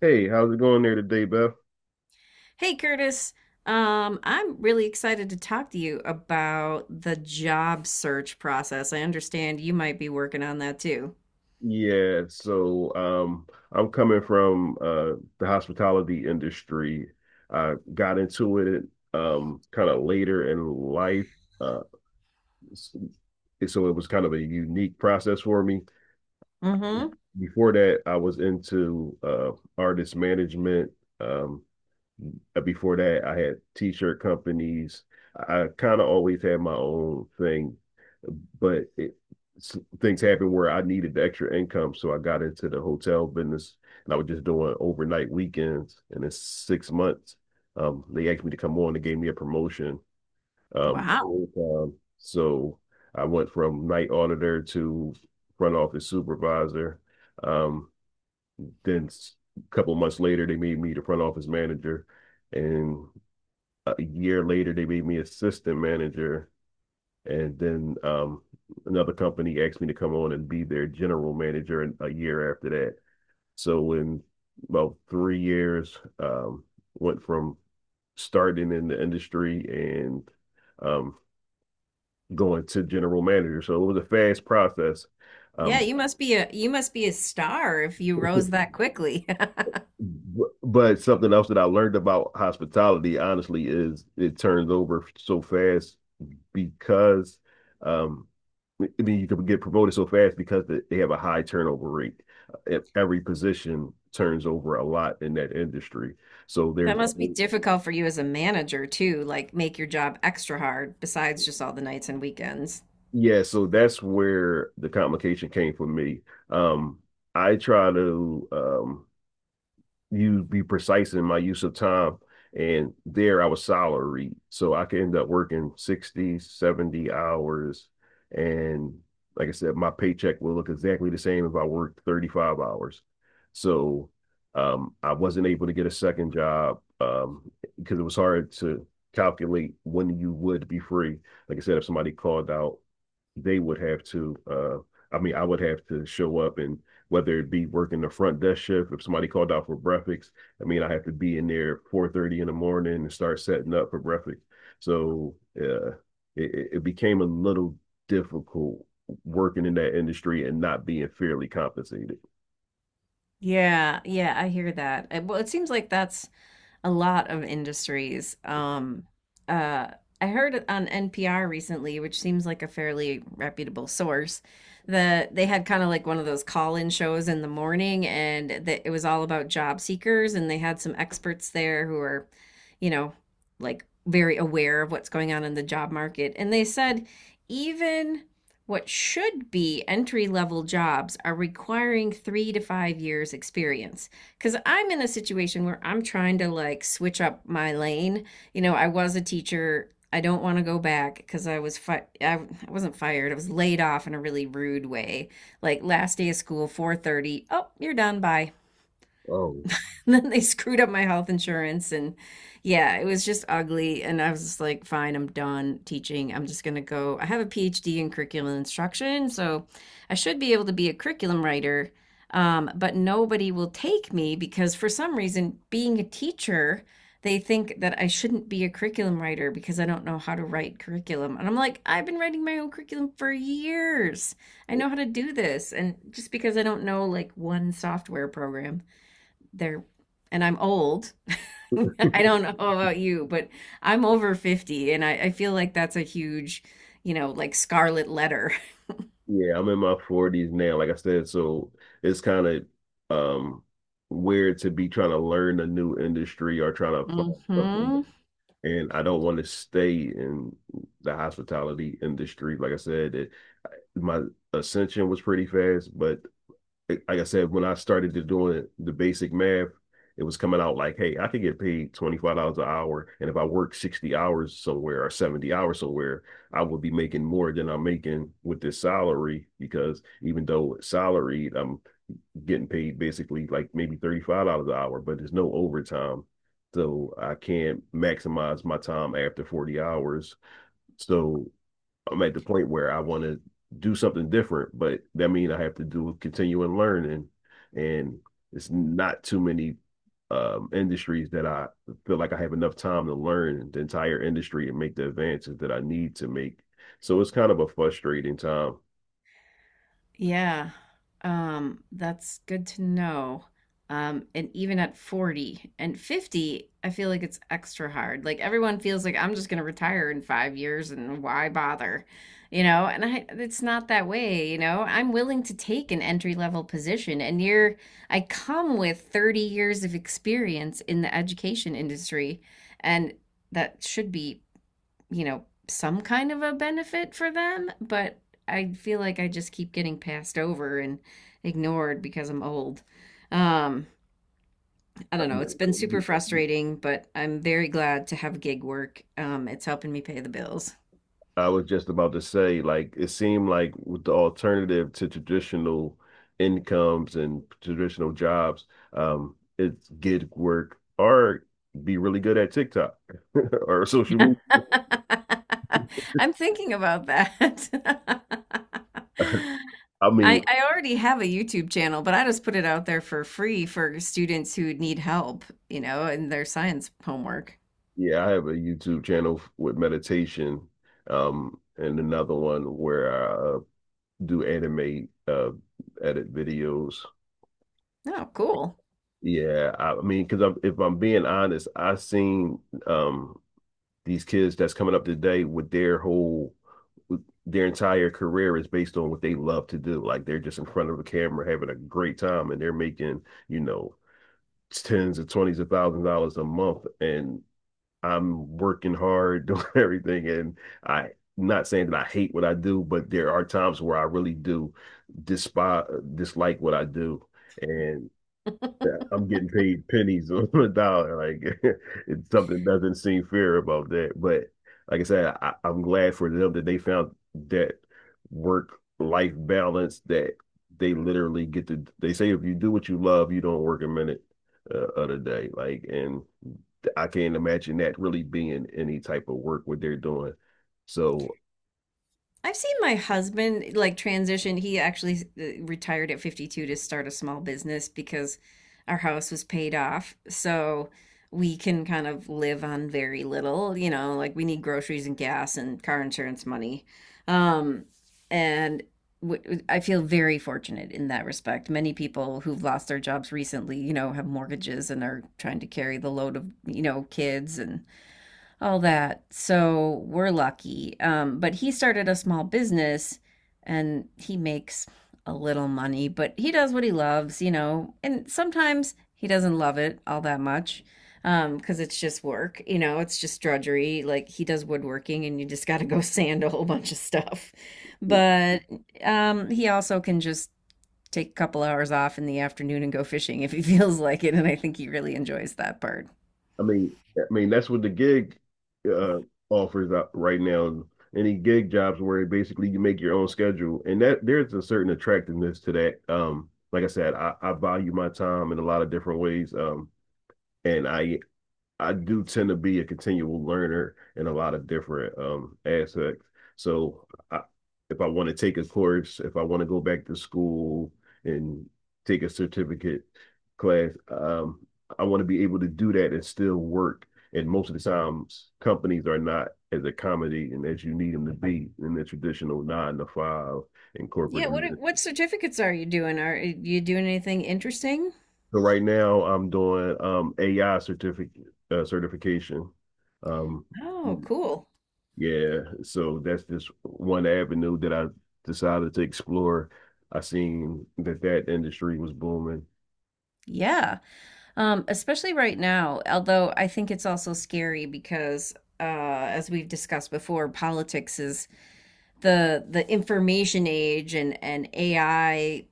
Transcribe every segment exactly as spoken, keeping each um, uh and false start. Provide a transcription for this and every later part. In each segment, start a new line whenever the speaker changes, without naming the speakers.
Hey, how's it going there today, Beth?
Hey, Curtis. Um, I'm really excited to talk to you about the job search process. I understand you might be working on that too.
Yeah, so um, I'm coming from uh, the hospitality industry. I got into it um, kind of later in life, uh, s- so it was kind of a unique process for me.
Mm-hmm.
Before that, I was into uh, artist management. Um, uh, Before that, I had t-shirt companies. I kind of always had my own thing but it, things happened where I needed the extra income, so I got into the hotel business, and I was just doing overnight weekends. And in six months, um, they asked me to come on. They gave me a promotion. Um,
Wow.
so I went from night auditor to front office supervisor. Um, then a couple months later, they made me the front office manager, and a year later, they made me assistant manager. And then um, Another company asked me to come on and be their general manager in, a year after that. So in about three years, um, went from starting in the industry and um, going to general manager. So it was a fast process.
Yeah,
Um,
you must be a you must be a star if you rose that quickly.
but something else that I learned about hospitality, honestly, is it turns over so fast because um, I mean, you can get promoted so fast because they have a high turnover rate. Uh, E- Every position turns over a lot in that industry. So
That
there's,
must be difficult for you as a manager too, like make your job extra hard besides just all the nights and weekends.
yeah, so that's where the complication came for me. Um, I try to um, you be precise in my use of time. And there I was salaried. So I could end up working sixty, seventy hours. And like I said, my paycheck will look exactly the same if I worked thirty-five hours. So um, I wasn't able to get a second job um, because it was hard to calculate when you would be free. Like I said, if somebody called out they would have to uh I mean I would have to show up and whether it be working the front desk shift, if somebody called out for breakfast, I mean I have to be in there at four thirty in the morning and start setting up for breakfast. So uh it, it became a little difficult working in that industry and not being fairly compensated.
Yeah, yeah, I hear that. Uh, Well, it seems like that's a lot of industries. Um, uh, I heard on N P R recently, which seems like a fairly reputable source, that they had kind of like one of those call-in shows in the morning, and that it was all about job seekers, and they had some experts there who are, you know, like very aware of what's going on in the job market, and they said even what should be entry-level jobs are requiring three to five years experience. Because I'm in a situation where I'm trying to like switch up my lane. You know, I was a teacher. I don't want to go back because I was fi- I I wasn't fired. I was laid off in a really rude way. Like last day of school, four thirty. Oh, you're done. Bye.
Oh,
And then they screwed up my health insurance and yeah, it was just ugly. And I was just like, fine, I'm done teaching. I'm just gonna go. I have a PhD in curriculum instruction, so I should be able to be a curriculum writer. Um, but nobody will take me because for some reason, being a teacher, they think that I shouldn't be a curriculum writer because I don't know how to write curriculum. And I'm like, I've been writing my own curriculum for years. I know how to do this. And just because I don't know like one software program they're and I'm old. I don't know about you, but I'm over fifty and I, I feel like that's a huge, you know, like scarlet letter.
yeah, I'm in my forties now, like I said, so it's kind of um weird to be trying to learn a new industry or trying to find something. New.
hmm
And I don't want to stay in the hospitality industry. Like I said, it, my ascension was pretty fast, but like I said, when I started to doing the basic math, it was coming out like, hey, I could get paid twenty five dollars an hour, and if I work sixty hours somewhere or seventy hours somewhere, I would be making more than I'm making with this salary because even though it's salaried, I'm getting paid basically like maybe thirty five dollars an hour, but there's no overtime, so I can't maximize my time after forty hours. So I'm at the point where I want to do something different, but that means I have to do continuing learning, and it's not too many um, industries that I feel like I have enough time to learn the entire industry and make the advances that I need to make. So it's kind of a frustrating time.
Yeah. Um, that's good to know. Um, and even at forty and fifty, I feel like it's extra hard. Like everyone feels like I'm just going to retire in five years and why bother? You know, and I, it's not that way, you know. I'm willing to take an entry level position and you're, I come with thirty years of experience in the education industry and that should be, you know, some kind of a benefit for them, but I feel like I just keep getting passed over and ignored because I'm old. Um, I don't know. It's been super frustrating, but I'm very glad to have gig work. Um, it's helping me pay the bills.
I was just about to say, like, it seemed like with the alternative to traditional incomes and traditional jobs, um, it's gig work or be really good at TikTok. Or social media.
I'm thinking about that.
I
I,
mean,
I already have a YouTube channel, but I just put it out there for free for students who need help, you know, in their science homework.
yeah, I have a YouTube channel with meditation, um, and another one where I uh, do animate, uh, edit videos.
Oh, cool.
Yeah, I, I mean, because I'm, if I'm being honest, I've seen um, these kids that's coming up today with their whole, their entire career is based on what they love to do. Like they're just in front of a camera having a great time, and they're making, you know, tens of twenties of thousand dollars a month, and I'm working hard, doing everything, and I not saying that I hate what I do, but there are times where I really do despise dislike what I do. And yeah, I'm getting paid pennies on a dollar. Like it's something doesn't seem fair about that. But like I said, I, I'm glad for them that they found that work life balance that they literally get to. They say if you do what you love, you don't work a minute uh, of the day. Like, and I can't imagine that really being any type of work what they're doing. So
I've seen my husband like transition. He actually uh, retired at fifty-two to start a small business because our house was paid off. So we can kind of live on very little, you know, like we need groceries and gas and car insurance money. Um, and w- I feel very fortunate in that respect. Many people who've lost their jobs recently, you know, have mortgages and are trying to carry the load of, you know, kids and all that. So we're lucky. Um, but he started a small business and he makes a little money, but he does what he loves, you know, and sometimes he doesn't love it all that much. Um, because it's just work, you know, it's just drudgery. Like he does woodworking and you just got to go sand a whole bunch of stuff. But um, he also can just take a couple hours off in the afternoon and go fishing if he feels like it. And I think he really enjoys that part.
I mean, I mean that's what the gig uh, offers out right now. Any gig jobs where basically you make your own schedule, and that there's a certain attractiveness to that. Um, like I said, I, I value my time in a lot of different ways. Um, and I I do tend to be a continual learner in a lot of different um aspects. So I, if I want to take a course, if I want to go back to school and take a certificate class, um, I want to be able to do that and still work. And most of the times, companies are not as accommodating as you need them to be in the traditional nine to five in corporate.
Yeah, what are-
America.
what certificates are you doing? Are you doing anything interesting?
So right now, I'm doing um A I certificate uh, certification. Um,
Oh, cool.
Yeah, so that's just one avenue that I decided to explore. I seen that that industry was booming.
Yeah. Um, especially right now, although I think it's also scary because uh, as we've discussed before, politics is the the information age and and A I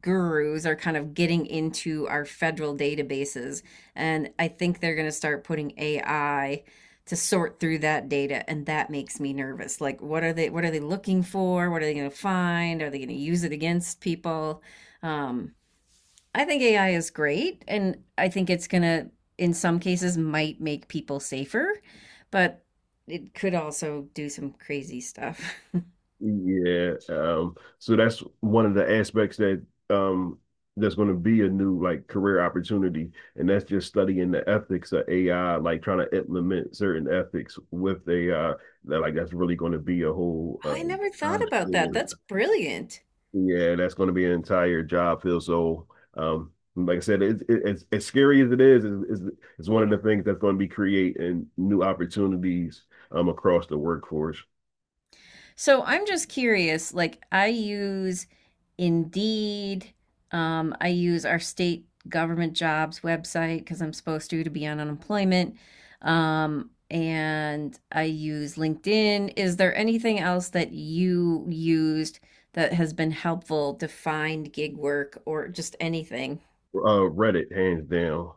gurus are kind of getting into our federal databases, and I think they're going to start putting A I to sort through that data, and that makes me nervous. Like what are they what are they looking for? What are they going to find? Are they going to use it against people? Um I think A I is great, and I think it's gonna, in some cases, might make people safer, but it could also do some crazy stuff.
Yeah, um, so that's one of the aspects that um that's going to be a new like career opportunity, and that's just studying the ethics of A I, like trying to implement certain ethics with A I. That like that's really going to be a whole
I never
uh,
thought about that. That's brilliant.
yeah, that's going to be an entire job field. So, um, like I said, it, it, It's as scary as it is, is it's one of the things that's going to be creating new opportunities um across the workforce.
So I'm just curious, like I use Indeed, um, I use our state government jobs website because I'm supposed to to be on unemployment, um, and I use LinkedIn. Is there anything else that you used that has been helpful to find gig work or just anything?
Uh, Reddit, hands down.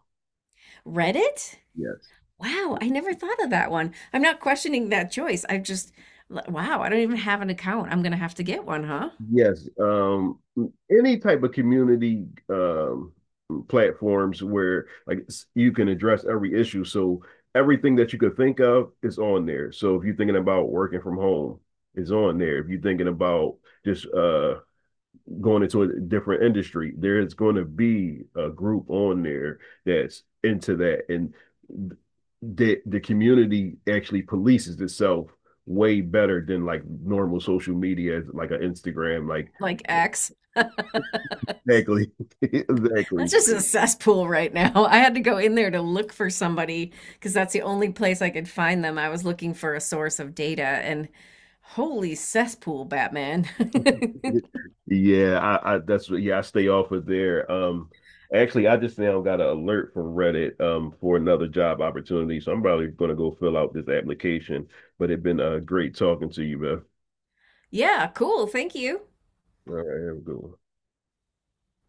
Reddit?
Yes,
Wow, I never thought of that one. I'm not questioning that choice. I've just, wow, I don't even have an account. I'm gonna have to get one, huh?
yes. Um, Any type of community um platforms where like s- you can address every issue. So everything that you could think of is on there. So if you're thinking about working from home, is on there. If you're thinking about just uh going into a different industry, there is going to be a group on there that's into that, and the the community actually polices itself way better than like normal social media, like an Instagram, like
Like X.
exactly, exactly.
That's just a cesspool right now. I had to go in there to look for somebody because that's the only place I could find them. I was looking for a source of data and holy cesspool, Batman.
Yeah, I, I that's what, yeah, I stay off of there. Um, actually, I just now got an alert from Reddit um for another job opportunity, so I'm probably gonna go fill out this application. But it's been uh great talking to you, man.
Yeah, cool. Thank you.
All right, have a good one.